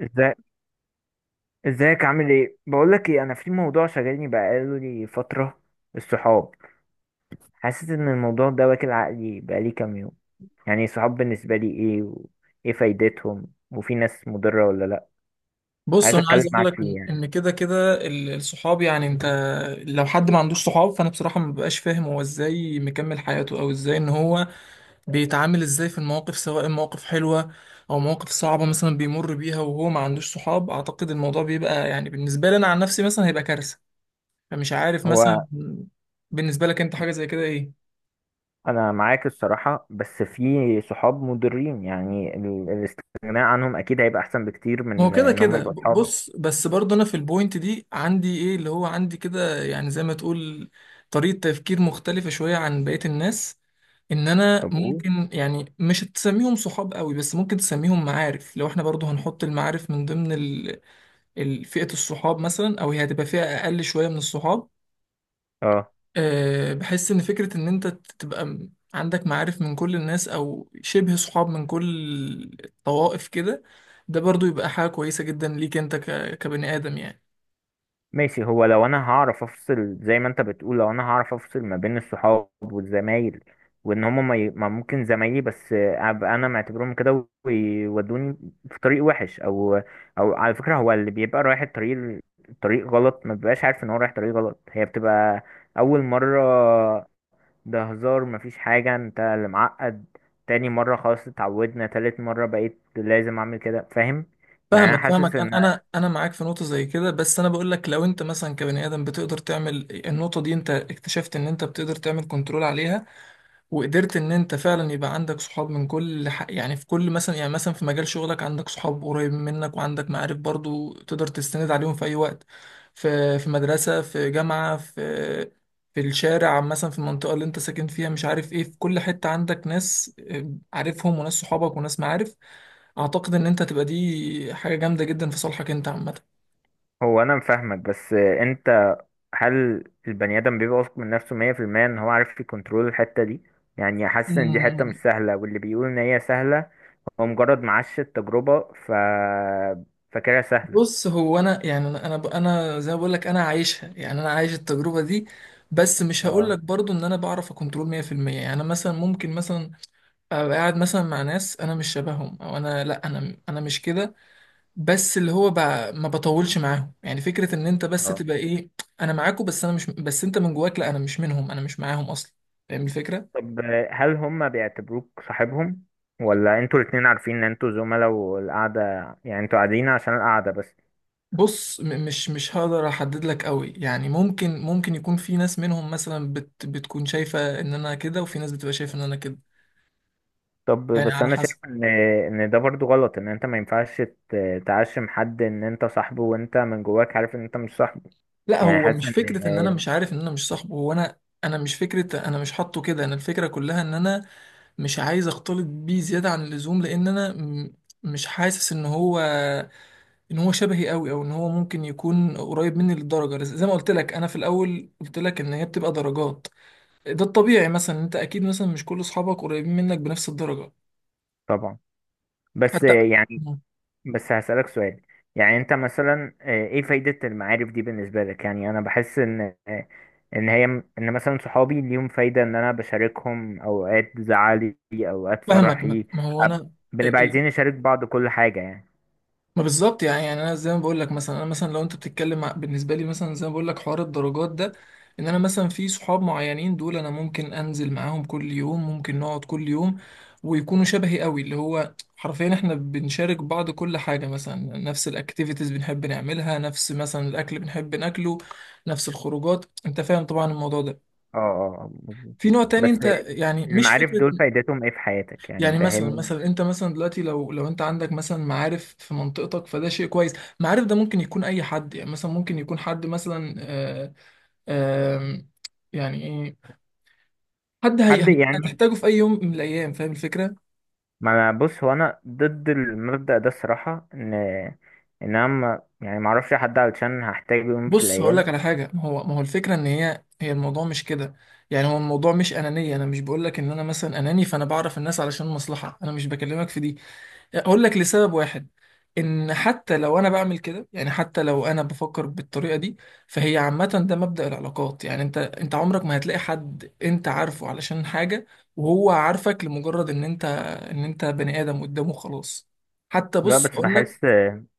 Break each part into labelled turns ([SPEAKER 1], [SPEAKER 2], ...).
[SPEAKER 1] ازاي؟ ازيك؟ عامل ايه؟ بقول لك ايه، انا في موضوع شغالني بقاله لي فتره. الصحاب. حاسس ان الموضوع ده واكل عقلي بقالي كام يوم. يعني الصحاب بالنسبه لي ايه؟ وايه فايدتهم؟ وفي ناس مضره ولا لا؟
[SPEAKER 2] بص،
[SPEAKER 1] عايز
[SPEAKER 2] انا
[SPEAKER 1] اتكلم
[SPEAKER 2] عايز اقول
[SPEAKER 1] معاك
[SPEAKER 2] لك
[SPEAKER 1] فيه
[SPEAKER 2] ان
[SPEAKER 1] يعني.
[SPEAKER 2] إن كده كده الصحاب. يعني انت لو حد ما عندوش صحاب فانا بصراحه ما ببقاش فاهم هو ازاي مكمل حياته، او ازاي ان هو بيتعامل ازاي في المواقف، سواء مواقف حلوه او مواقف صعبه مثلا بيمر بيها وهو ما عندوش صحاب. اعتقد الموضوع بيبقى يعني بالنسبه لي انا عن نفسي مثلا هيبقى كارثه. فمش عارف
[SPEAKER 1] هو
[SPEAKER 2] مثلا، بالنسبه لك انت حاجه زي كده ايه؟
[SPEAKER 1] انا معاك الصراحه، بس في صحاب مضرين، يعني الاستغناء عنهم اكيد هيبقى احسن بكتير
[SPEAKER 2] ما هو
[SPEAKER 1] من
[SPEAKER 2] كده
[SPEAKER 1] ان هم
[SPEAKER 2] كده
[SPEAKER 1] يبقوا اصحاب.
[SPEAKER 2] بص، بس برضه انا في البوينت دي عندي ايه اللي هو عندي كده، يعني زي ما تقول طريقة تفكير مختلفة شوية عن بقية الناس. ان انا
[SPEAKER 1] طب قول.
[SPEAKER 2] ممكن يعني مش تسميهم صحاب قوي، بس ممكن تسميهم معارف، لو احنا برضه هنحط المعارف من ضمن ال... فئة الصحاب مثلا، او هي هتبقى فئة اقل شوية من الصحاب.
[SPEAKER 1] اه،
[SPEAKER 2] أه، بحس ان فكرة ان انت تبقى عندك معارف من كل الناس، او شبه صحاب من كل الطوائف كده، ده برضو يبقى حاجة كويسة جدا ليك انت كبني ادم يعني.
[SPEAKER 1] ماشي. هو لو انا هعرف افصل زي ما انت بتقول، لو انا هعرف افصل ما بين الصحاب والزمايل، وان هم ما ممكن زمايلي بس ابقى انا معتبرهم كده، ويودوني في طريق وحش، او على فكرة هو اللي بيبقى رايح الطريق، الطريق غلط، ما بيبقاش عارف ان هو رايح طريق غلط. هي بتبقى اول مرة، ده هزار، مفيش حاجة، انت اللي معقد. تاني مرة، خلاص اتعودنا. تالت مرة، بقيت لازم اعمل كده. فاهم؟ يعني انا
[SPEAKER 2] فاهمك
[SPEAKER 1] حاسس
[SPEAKER 2] فاهمك،
[SPEAKER 1] ان.
[SPEAKER 2] انا معاك في نقطة زي كده، بس انا بقول لك لو انت مثلا كبني ادم بتقدر تعمل النقطة دي، انت اكتشفت ان انت بتقدر تعمل كنترول عليها وقدرت ان انت فعلا يبقى عندك صحاب من كل ح... يعني في كل مثلا، يعني مثلا في مجال شغلك عندك صحاب قريبين منك، وعندك معارف برضو تقدر تستند عليهم في اي وقت، في مدرسة، في جامعة، في الشارع مثلا، في المنطقة اللي انت ساكن فيها، مش عارف ايه، في كل حتة عندك ناس آه، عارفهم، وناس صحابك، وناس معارف. اعتقد ان انت تبقى دي حاجة جامدة جدا في صالحك انت.
[SPEAKER 1] هو انا فاهمك، بس انت، هل البني آدم بيبقى واثق من نفسه 100% إن هو عارف يكنترول الحتة دي؟ يعني حاسس إن دي حتة مش
[SPEAKER 2] عامة
[SPEAKER 1] سهلة، واللي بيقول إن هي سهلة هو مجرد معاش التجربة، فاكرها سهلة.
[SPEAKER 2] بص، هو انا يعني أنا زي ما بقول لك انا عايشها، يعني انا عايش التجربه دي، بس مش هقول
[SPEAKER 1] اه،
[SPEAKER 2] لك برضو ان انا بعرف اكنترول 100%. يعني أنا مثلا ممكن مثلا ابقى قاعد مثلا مع ناس انا مش شبههم، او انا لا، انا مش كده، بس اللي هو ب... ما بطولش معاهم. يعني فكره ان انت بس
[SPEAKER 1] اه.
[SPEAKER 2] تبقى ايه، انا معاكوا، بس انا مش، بس انت من جواك لا، انا مش منهم، انا مش معاهم اصلا. فاهم الفكره؟
[SPEAKER 1] طب هل هم بيعتبروك صاحبهم، ولا انتوا الاتنين عارفين ان انتوا زملاء والقعدة؟ يعني انتوا قاعدين عشان القعدة بس؟
[SPEAKER 2] بص مش هقدر احدد لك قوي، يعني ممكن يكون في ناس منهم مثلا بتكون شايفة ان انا كده، وفي ناس بتبقى شايفة ان انا كده،
[SPEAKER 1] طب
[SPEAKER 2] يعني
[SPEAKER 1] بس
[SPEAKER 2] على
[SPEAKER 1] انا شايف
[SPEAKER 2] حسب.
[SPEAKER 1] ان ده برضو غلط، ان انت ما ينفعش تعشم حد ان انت صاحبه، وانت من جواك عارف ان انت مش صاحبه.
[SPEAKER 2] لا،
[SPEAKER 1] يعني
[SPEAKER 2] هو
[SPEAKER 1] حاسس
[SPEAKER 2] مش فكرة ان انا
[SPEAKER 1] ان.
[SPEAKER 2] مش عارف ان انا مش صاحبه، هو انا، انا مش فكرة انا مش حاطه كده، انا الفكرة كلها ان انا مش عايز اختلط بيه زيادة عن اللزوم، لان انا مش حاسس ان هو، ان هو شبهي قوي، او ان هو ممكن يكون قريب مني للدرجة. زي ما قلت لك، انا في الاول قلت لك ان هي بتبقى درجات، ده الطبيعي. مثلا انت اكيد مثلا مش كل اصحابك قريبين منك بنفس الدرجه،
[SPEAKER 1] طبعا. بس
[SPEAKER 2] حتى.
[SPEAKER 1] يعني،
[SPEAKER 2] مم.
[SPEAKER 1] بس هسألك سؤال. يعني انت مثلا ايه فايدة المعارف دي بالنسبة لك؟ يعني انا بحس ان آه، ان هي ان مثلا صحابي ليهم فايدة، ان انا بشاركهم اوقات زعلي اوقات
[SPEAKER 2] فاهمك. ما
[SPEAKER 1] فرحي.
[SPEAKER 2] ما هو
[SPEAKER 1] أب-
[SPEAKER 2] انا ال-
[SPEAKER 1] بنبقى
[SPEAKER 2] ال-
[SPEAKER 1] عايزين نشارك بعض كل حاجة يعني.
[SPEAKER 2] ما بالظبط. يعني يعني انا زي ما بقول لك، مثلا انا مثلا لو انت بتتكلم بالنسبه لي، مثلا زي ما بقول لك حوار الدرجات ده، ان انا مثلا في صحاب معينين دول انا ممكن انزل معاهم كل يوم، ممكن نقعد كل يوم، ويكونوا شبهي قوي، اللي هو حرفيا احنا بنشارك بعض كل حاجه. مثلا نفس الاكتيفيتيز بنحب نعملها، نفس مثلا الاكل بنحب ناكله، نفس الخروجات. انت فاهم طبعا الموضوع ده.
[SPEAKER 1] اه، اه، مظبوط.
[SPEAKER 2] في نوع تاني،
[SPEAKER 1] بس
[SPEAKER 2] انت يعني مش
[SPEAKER 1] المعارف
[SPEAKER 2] فكرة،
[SPEAKER 1] دول فايدتهم ايه في حياتك؟ يعني
[SPEAKER 2] يعني مثلا،
[SPEAKER 1] فاهم؟
[SPEAKER 2] مثلا انت مثلا دلوقتي، لو انت عندك مثلا معارف في منطقتك، فده شيء كويس. معارف ده ممكن يكون اي حد، يعني مثلا ممكن يكون حد مثلا آه، آه، يعني ايه، حد هي
[SPEAKER 1] حد يعني.
[SPEAKER 2] هتحتاجه في اي يوم من الايام. فاهم الفكرة؟
[SPEAKER 1] ما أنا- بص هو انا ضد المبدأ ده الصراحة، ان انا ما اعرفش حد علشان هحتاجه يوم في
[SPEAKER 2] بص هقول لك
[SPEAKER 1] الايام.
[SPEAKER 2] على حاجة. ما هو الفكرة ان هي، هي الموضوع مش كده. يعني هو الموضوع مش انانية، انا مش بقول لك ان انا مثلا اناني، فانا بعرف الناس علشان مصلحة، انا مش بكلمك في دي. اقول لك لسبب واحد، ان حتى لو انا بعمل كده، يعني حتى لو انا بفكر بالطريقه دي، فهي عامه، ده مبدأ العلاقات. يعني انت عمرك ما هتلاقي حد انت عارفه علشان حاجه وهو عارفك، لمجرد ان انت، ان انت بني ادم قدامه، خلاص. حتى
[SPEAKER 1] لا
[SPEAKER 2] بص
[SPEAKER 1] بس
[SPEAKER 2] اقول لك،
[SPEAKER 1] بحس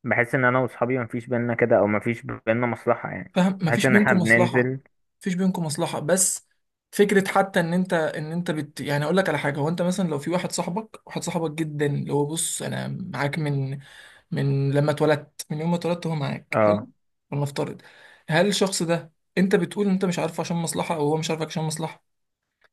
[SPEAKER 1] بحس ان انا واصحابي مفيش بينا كده، او مفيش بينا مصلحة يعني.
[SPEAKER 2] فاهم
[SPEAKER 1] بحس
[SPEAKER 2] مفيش
[SPEAKER 1] ان احنا
[SPEAKER 2] بينكم مصلحه،
[SPEAKER 1] بننزل.
[SPEAKER 2] مفيش بينكم مصلحه، بس فكره حتى ان انت، ان انت يعني اقول لك على حاجه. هو انت مثلا لو في واحد صاحبك، واحد صاحبك جدا اللي هو بص، انا معاك من، من لما اتولدت من يوم ما اتولدت هو معاك، حلو.
[SPEAKER 1] اه،
[SPEAKER 2] ولنفترض، هل الشخص ده، انت بتقول انت مش عارفه عشان مصلحه، او هو مش عارفك عشان مصلحه؟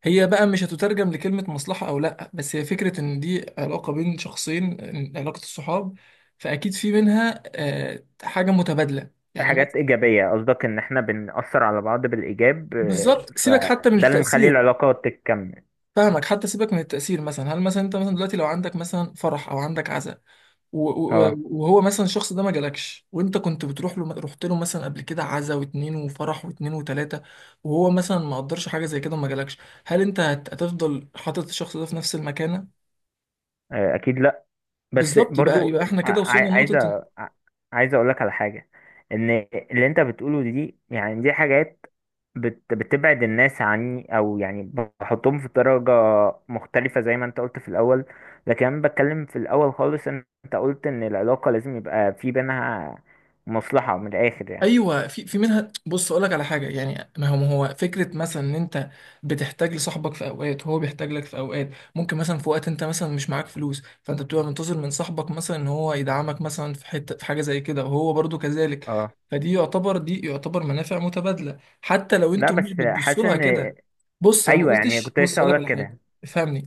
[SPEAKER 2] هي بقى مش هتترجم لكلمه مصلحه او لا، بس هي فكره ان دي علاقه بين شخصين، إن علاقه الصحاب، فاكيد في منها آه، حاجه متبادله. يعني مثلا،
[SPEAKER 1] حاجات
[SPEAKER 2] ماشي.
[SPEAKER 1] ايجابية قصدك، ان احنا بنأثر على بعض بالايجاب،
[SPEAKER 2] بالظبط، سيبك حتى من
[SPEAKER 1] فده اللي مخلي
[SPEAKER 2] التاثير.
[SPEAKER 1] العلاقة تكمل.
[SPEAKER 2] فاهمك، حتى سيبك من التاثير. مثلا هل مثلا انت مثلا دلوقتي لو عندك مثلا فرح، او عندك عزاء،
[SPEAKER 1] اه،
[SPEAKER 2] وهو مثلا الشخص ده ما جالكش، وانت كنت بتروح له، رحت له مثلا قبل كده عزا واتنين، وفرح واتنين وتلاته، وهو مثلا ما قدرش حاجه زي كده وما جالكش، هل انت هتفضل حاطط الشخص ده في نفس المكانه؟
[SPEAKER 1] آه، اكيد لا. بس
[SPEAKER 2] بالظبط، يبقى
[SPEAKER 1] برضو،
[SPEAKER 2] يبقى احنا كده وصلنا
[SPEAKER 1] عايز،
[SPEAKER 2] لنقطه.
[SPEAKER 1] عايز اقول لك على حاجه، ان اللي انت بتقوله دي، يعني دي حاجات بتبعد الناس عني، او يعني، بحطهم في درجه مختلفه زي ما انت قلت في الاول. لكن انا بتكلم في الاول خالص، ان انت قلت ان العلاقه لازم يبقى في بينها مصلحه، من الاخر يعني.
[SPEAKER 2] ايوه، في في منها. بص اقول لك على حاجه، يعني ما هو فكره، مثلا ان انت بتحتاج لصاحبك في اوقات، وهو بيحتاج لك في اوقات. ممكن مثلا في وقت انت مثلا مش معاك فلوس، فانت بتبقى منتظر من صاحبك مثلا ان هو يدعمك مثلا في حته، في حاجه زي كده، وهو برضو كذلك.
[SPEAKER 1] اه،
[SPEAKER 2] فدي يعتبر، دي يعتبر منافع متبادله، حتى لو
[SPEAKER 1] لا
[SPEAKER 2] انتوا مش
[SPEAKER 1] بس
[SPEAKER 2] بتبصوا
[SPEAKER 1] حاسس
[SPEAKER 2] لها
[SPEAKER 1] ان.
[SPEAKER 2] كده. بص انا ما
[SPEAKER 1] ايوه يعني،
[SPEAKER 2] قلتش،
[SPEAKER 1] كنت
[SPEAKER 2] بص
[SPEAKER 1] لسه
[SPEAKER 2] اقول
[SPEAKER 1] اقول
[SPEAKER 2] لك
[SPEAKER 1] لك
[SPEAKER 2] على حاجه،
[SPEAKER 1] كده.
[SPEAKER 2] افهمني.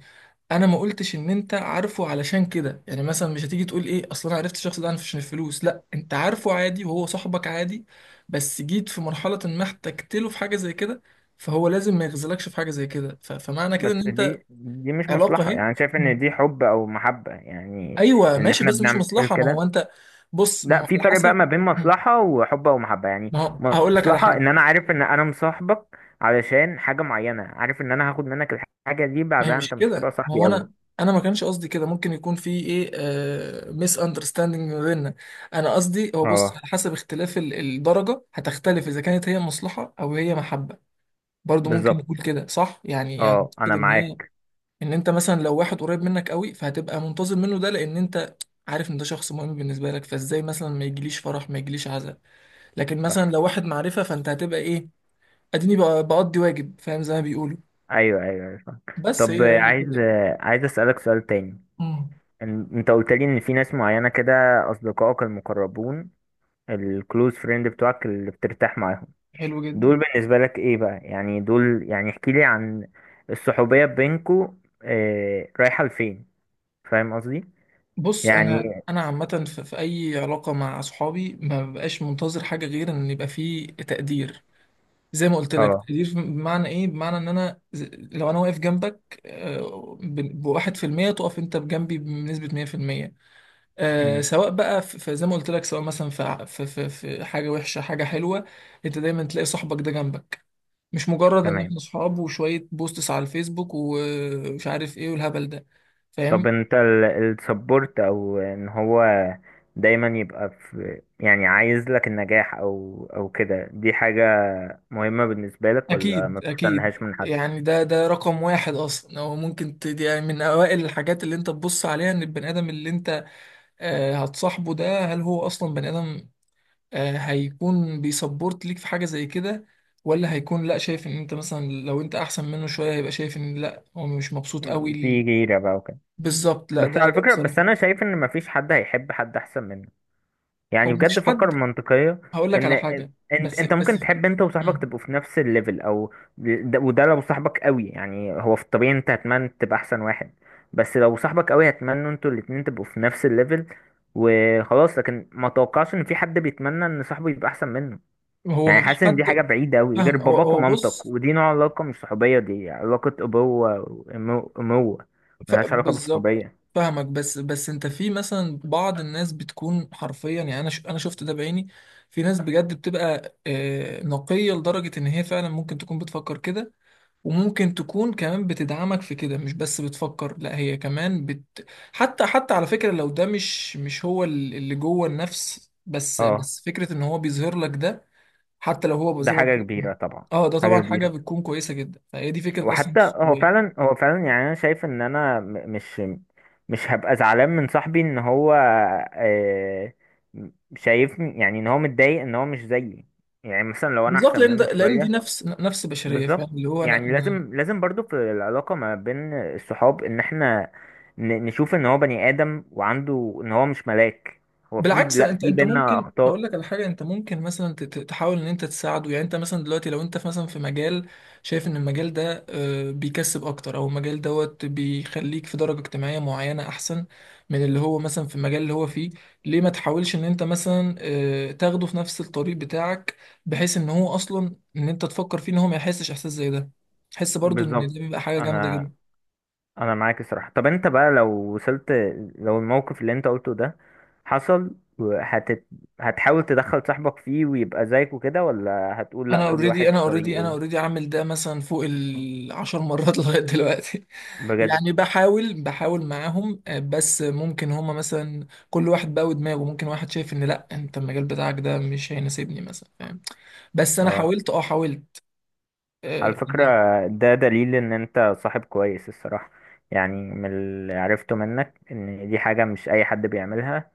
[SPEAKER 2] انا ما قلتش ان انت عارفه علشان كده. يعني مثلا مش هتيجي تقول ايه، اصل انا عرفت الشخص ده عشان الفلوس. لا، انت عارفه عادي، وهو صاحبك عادي، بس جيت في مرحلة ما احتجت له في حاجة زي كده، فهو لازم ما يغزلكش في حاجة زي كده. فمعنى كده
[SPEAKER 1] بس
[SPEAKER 2] ان انت،
[SPEAKER 1] دي مش
[SPEAKER 2] علاقة
[SPEAKER 1] مصلحه،
[SPEAKER 2] اهي.
[SPEAKER 1] يعني أنا شايف
[SPEAKER 2] مم.
[SPEAKER 1] ان دي حب او محبه يعني،
[SPEAKER 2] ايوه
[SPEAKER 1] ان
[SPEAKER 2] ماشي،
[SPEAKER 1] احنا
[SPEAKER 2] بس مش
[SPEAKER 1] بنعمل
[SPEAKER 2] مصلحة. ما
[SPEAKER 1] كده.
[SPEAKER 2] هو انت بص، ما هو
[SPEAKER 1] لا، في
[SPEAKER 2] على
[SPEAKER 1] فرق بقى
[SPEAKER 2] حسب.
[SPEAKER 1] ما بين
[SPEAKER 2] مم.
[SPEAKER 1] مصلحة وحب ومحبة يعني.
[SPEAKER 2] ما هو هقول لك على
[SPEAKER 1] مصلحة
[SPEAKER 2] حاجة.
[SPEAKER 1] ان انا عارف ان انا مصاحبك علشان حاجة معينة، عارف ان انا هاخد منك الحاجة دي،
[SPEAKER 2] ما هي
[SPEAKER 1] بعدها
[SPEAKER 2] مش
[SPEAKER 1] انت مش هتبقى
[SPEAKER 2] كده. ما
[SPEAKER 1] صاحبي
[SPEAKER 2] هو انا،
[SPEAKER 1] قوي.
[SPEAKER 2] انا ما كانش قصدي كده. ممكن يكون في ايه آه، ميس اندرستاندينج ما بيننا. انا قصدي هو بص،
[SPEAKER 1] اه،
[SPEAKER 2] على حسب اختلاف الدرجه هتختلف، اذا كانت هي مصلحه او هي محبه. برضو ممكن
[SPEAKER 1] بالظبط.
[SPEAKER 2] نقول كده صح يعني، يعني
[SPEAKER 1] اه، انا
[SPEAKER 2] كده ان هي،
[SPEAKER 1] معاك.
[SPEAKER 2] ان انت مثلا لو واحد قريب منك قوي، فهتبقى منتظر منه، ده لان انت عارف ان ده شخص مهم بالنسبه لك. فازاي مثلا ما يجيليش فرح، ما يجيليش عزاء؟ لكن
[SPEAKER 1] صح.
[SPEAKER 2] مثلا لو واحد معرفه، فانت هتبقى ايه، اديني بقضي واجب، فاهم زي ما بيقولوا.
[SPEAKER 1] ايوه، ايوه، أيوة، صح.
[SPEAKER 2] بس
[SPEAKER 1] طب،
[SPEAKER 2] هي هي كده يعني.
[SPEAKER 1] عايز اسألك سؤال تاني.
[SPEAKER 2] مم.
[SPEAKER 1] إن- انت قلت لي ان في ناس معينة كده، اصدقائك المقربون، الكلوز فريند بتوعك، اللي بترتاح معاهم.
[SPEAKER 2] حلو جدا.
[SPEAKER 1] دول بالنسبة لك ايه بقى؟ يعني دول يعني، احكي لي عن الصحوبية بينكو، اه، رايحة لفين؟ فاهم قصدي؟
[SPEAKER 2] بص
[SPEAKER 1] يعني.
[SPEAKER 2] انا عامه في, في اي علاقه مع اصحابي ما ببقاش منتظر حاجه غير ان يبقى فيه تقدير. زي ما قلت لك
[SPEAKER 1] اه.
[SPEAKER 2] تقدير، بمعنى ايه؟ بمعنى ان انا لو انا واقف جنبك آه، بواحد في المية، تقف انت بجنبي بنسبه مية في المية. آه،
[SPEAKER 1] مم،
[SPEAKER 2] سواء بقى زي ما قلت لك، سواء مثلا في في حاجه وحشه، حاجه حلوه، انت دايما تلاقي صاحبك ده جنبك. مش مجرد ان احنا
[SPEAKER 1] تمام.
[SPEAKER 2] صحاب وشوية بوستس على الفيسبوك، ومش عارف ايه والهبل ده.
[SPEAKER 1] طب
[SPEAKER 2] فاهم؟
[SPEAKER 1] انت، السبورت، او ان هو دايما يبقى في، يعني عايز لك النجاح، او كده، دي حاجة مهمة بالنسبة لك، ولا
[SPEAKER 2] أكيد
[SPEAKER 1] ما
[SPEAKER 2] أكيد.
[SPEAKER 1] بتستناهاش من حد؟
[SPEAKER 2] يعني ده رقم واحد أصلا. هو ممكن دي يعني من أوائل الحاجات اللي أنت تبص عليها، إن البني آدم اللي أنت آه، هتصاحبه ده، هل هو أصلا بني آدم آه، هيكون بيسبورت ليك في حاجة زي كده، ولا هيكون لأ، شايف إن أنت مثلا لو أنت أحسن منه شوية هيبقى شايف إن لأ، هو مش مبسوط قوي
[SPEAKER 1] مم، في
[SPEAKER 2] ال-.
[SPEAKER 1] غيرة بقى وكده.
[SPEAKER 2] بالظبط، لأ
[SPEAKER 1] بس
[SPEAKER 2] ده
[SPEAKER 1] على
[SPEAKER 2] ده
[SPEAKER 1] فكرة، بس
[SPEAKER 2] بصراحة.
[SPEAKER 1] انا شايف ان مفيش حد هيحب حد احسن منه،
[SPEAKER 2] هو
[SPEAKER 1] يعني بجد،
[SPEAKER 2] مفيش
[SPEAKER 1] فكر
[SPEAKER 2] حد،
[SPEAKER 1] منطقية،
[SPEAKER 2] هقول لك
[SPEAKER 1] ان
[SPEAKER 2] على حاجة
[SPEAKER 1] انت
[SPEAKER 2] بس،
[SPEAKER 1] انت ممكن تحب انت وصاحبك
[SPEAKER 2] مم.
[SPEAKER 1] تبقوا في نفس الليفل، او ده وده. لو صاحبك قوي يعني، هو في الطبيعي انت هتمنى تبقى احسن واحد، بس لو صاحبك قوي، هتمنى انتوا الاتنين تبقوا في نفس الليفل وخلاص. لكن ما توقعش ان في حد بيتمنى ان صاحبه يبقى احسن منه.
[SPEAKER 2] هو
[SPEAKER 1] يعني
[SPEAKER 2] مفيش
[SPEAKER 1] حاسس ان دي حاجة
[SPEAKER 2] حد،
[SPEAKER 1] بعيدة قوي، غير
[SPEAKER 2] فاهم؟ هو
[SPEAKER 1] باباك
[SPEAKER 2] هو
[SPEAKER 1] ومامتك،
[SPEAKER 2] بص،
[SPEAKER 1] ودي نوع علاقة مش صحوبية، دي علاقة ابوة واموة،
[SPEAKER 2] ف...
[SPEAKER 1] ملهاش علاقة
[SPEAKER 2] بالظبط.
[SPEAKER 1] بالصحوبية.
[SPEAKER 2] فاهمك، بس انت في مثلا بعض الناس بتكون حرفيا، يعني انا شفت ده بعيني، في ناس بجد بتبقى آه، نقية لدرجة ان هي فعلا ممكن تكون بتفكر كده، وممكن تكون كمان بتدعمك في كده، مش بس بتفكر، لا هي كمان بت... حتى على فكرة، لو ده مش، مش هو اللي جوه النفس، بس
[SPEAKER 1] اه،
[SPEAKER 2] بس فكرة ان هو بيظهر لك ده، حتى لو هو
[SPEAKER 1] ده
[SPEAKER 2] زي ما
[SPEAKER 1] حاجة
[SPEAKER 2] قلت لك.
[SPEAKER 1] كبيرة طبعا.
[SPEAKER 2] اه ده طبعا
[SPEAKER 1] حاجة
[SPEAKER 2] حاجة
[SPEAKER 1] كبيرة.
[SPEAKER 2] بتكون كويسة جدا، فهي دي فكرة اصلا
[SPEAKER 1] وحتى هو
[SPEAKER 2] الصحوبية.
[SPEAKER 1] فعلا هو فعلا يعني انا شايف ان انا مش هبقى زعلان من صاحبي، ان هو آه، شايف يعني ان هو متضايق ان هو مش زيي، يعني مثلا لو انا
[SPEAKER 2] بالظبط،
[SPEAKER 1] احسن
[SPEAKER 2] لان ده،
[SPEAKER 1] منه
[SPEAKER 2] لان دي
[SPEAKER 1] شوية.
[SPEAKER 2] نفس، نفس بشريه.
[SPEAKER 1] بالظبط.
[SPEAKER 2] فاهم اللي هو انا
[SPEAKER 1] يعني
[SPEAKER 2] انا،
[SPEAKER 1] لازم لازم برضو في العلاقة ما بين الصحاب، ان احنا نشوف ان هو بني ادم، وعنده ان هو مش ملاك. هو في،
[SPEAKER 2] بالعكس،
[SPEAKER 1] لا،
[SPEAKER 2] انت
[SPEAKER 1] في
[SPEAKER 2] انت
[SPEAKER 1] بينا
[SPEAKER 2] ممكن اقول
[SPEAKER 1] اخطاء.
[SPEAKER 2] لك على حاجه، انت ممكن مثلا تحاول ان انت تساعده. يعني انت مثلا دلوقتي لو انت مثلا في مجال شايف ان المجال ده آه، بيكسب اكتر، او المجال دوت بيخليك في درجه اجتماعيه معينه احسن من اللي هو مثلا في المجال اللي هو فيه، ليه ما تحاولش ان انت مثلا آه، تاخده في نفس الطريق بتاعك، بحيث ان هو اصلا، ان انت تفكر فيه ان هو ما يحسش احساس زي ده، تحس برضو ان دي
[SPEAKER 1] بالظبط.
[SPEAKER 2] بيبقى حاجه جامده
[SPEAKER 1] انا
[SPEAKER 2] جدا.
[SPEAKER 1] انا معاك الصراحه. طب انت بقى لو الموقف اللي انت قلته ده حصل، هتت... هتحاول تدخل صاحبك فيه ويبقى زيك وكده، ولا هتقول لا
[SPEAKER 2] انا
[SPEAKER 1] كل
[SPEAKER 2] اوريدي
[SPEAKER 1] واحد
[SPEAKER 2] انا
[SPEAKER 1] في
[SPEAKER 2] اوريدي انا
[SPEAKER 1] طريقه؟
[SPEAKER 2] اوريدي عامل ده مثلا فوق العشر مرات لغايه دلوقتي.
[SPEAKER 1] بجد؟
[SPEAKER 2] يعني بحاول معاهم آه، بس ممكن هما مثلا كل واحد بقى ودماغه، ممكن واحد شايف ان لا، انت المجال بتاعك ده مش هيناسبني مثلا، فاهم؟ بس انا
[SPEAKER 1] اه،
[SPEAKER 2] حاولت، اه حاولت.
[SPEAKER 1] على
[SPEAKER 2] آه،
[SPEAKER 1] فكره، ده دليل ان انت صاحب كويس الصراحه. يعني من اللي عرفته منك، ان دي حاجه مش اي حد بيعملها.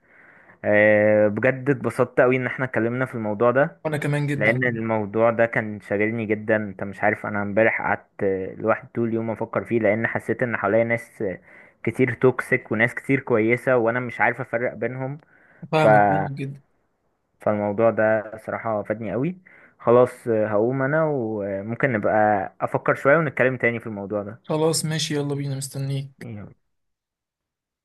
[SPEAKER 1] أه، بجد اتبسطت قوي ان احنا اتكلمنا في الموضوع ده،
[SPEAKER 2] وانا كمان
[SPEAKER 1] لان
[SPEAKER 2] جدا.
[SPEAKER 1] الموضوع ده كان شاغلني جدا. انت مش عارف، انا امبارح قعدت لوحدي طول اليوم افكر فيه، لان حسيت ان حواليا ناس كتير توكسيك وناس كتير كويسة، وانا مش عارف افرق بينهم. ف...
[SPEAKER 2] فاهمك فاهمك جدا.
[SPEAKER 1] فالموضوع ده صراحة فادني قوي. خلاص هقوم انا، وممكن نبقى افكر شوية ونتكلم تاني في الموضوع
[SPEAKER 2] خلاص ماشي، يلا بينا، مستنيك.
[SPEAKER 1] ده.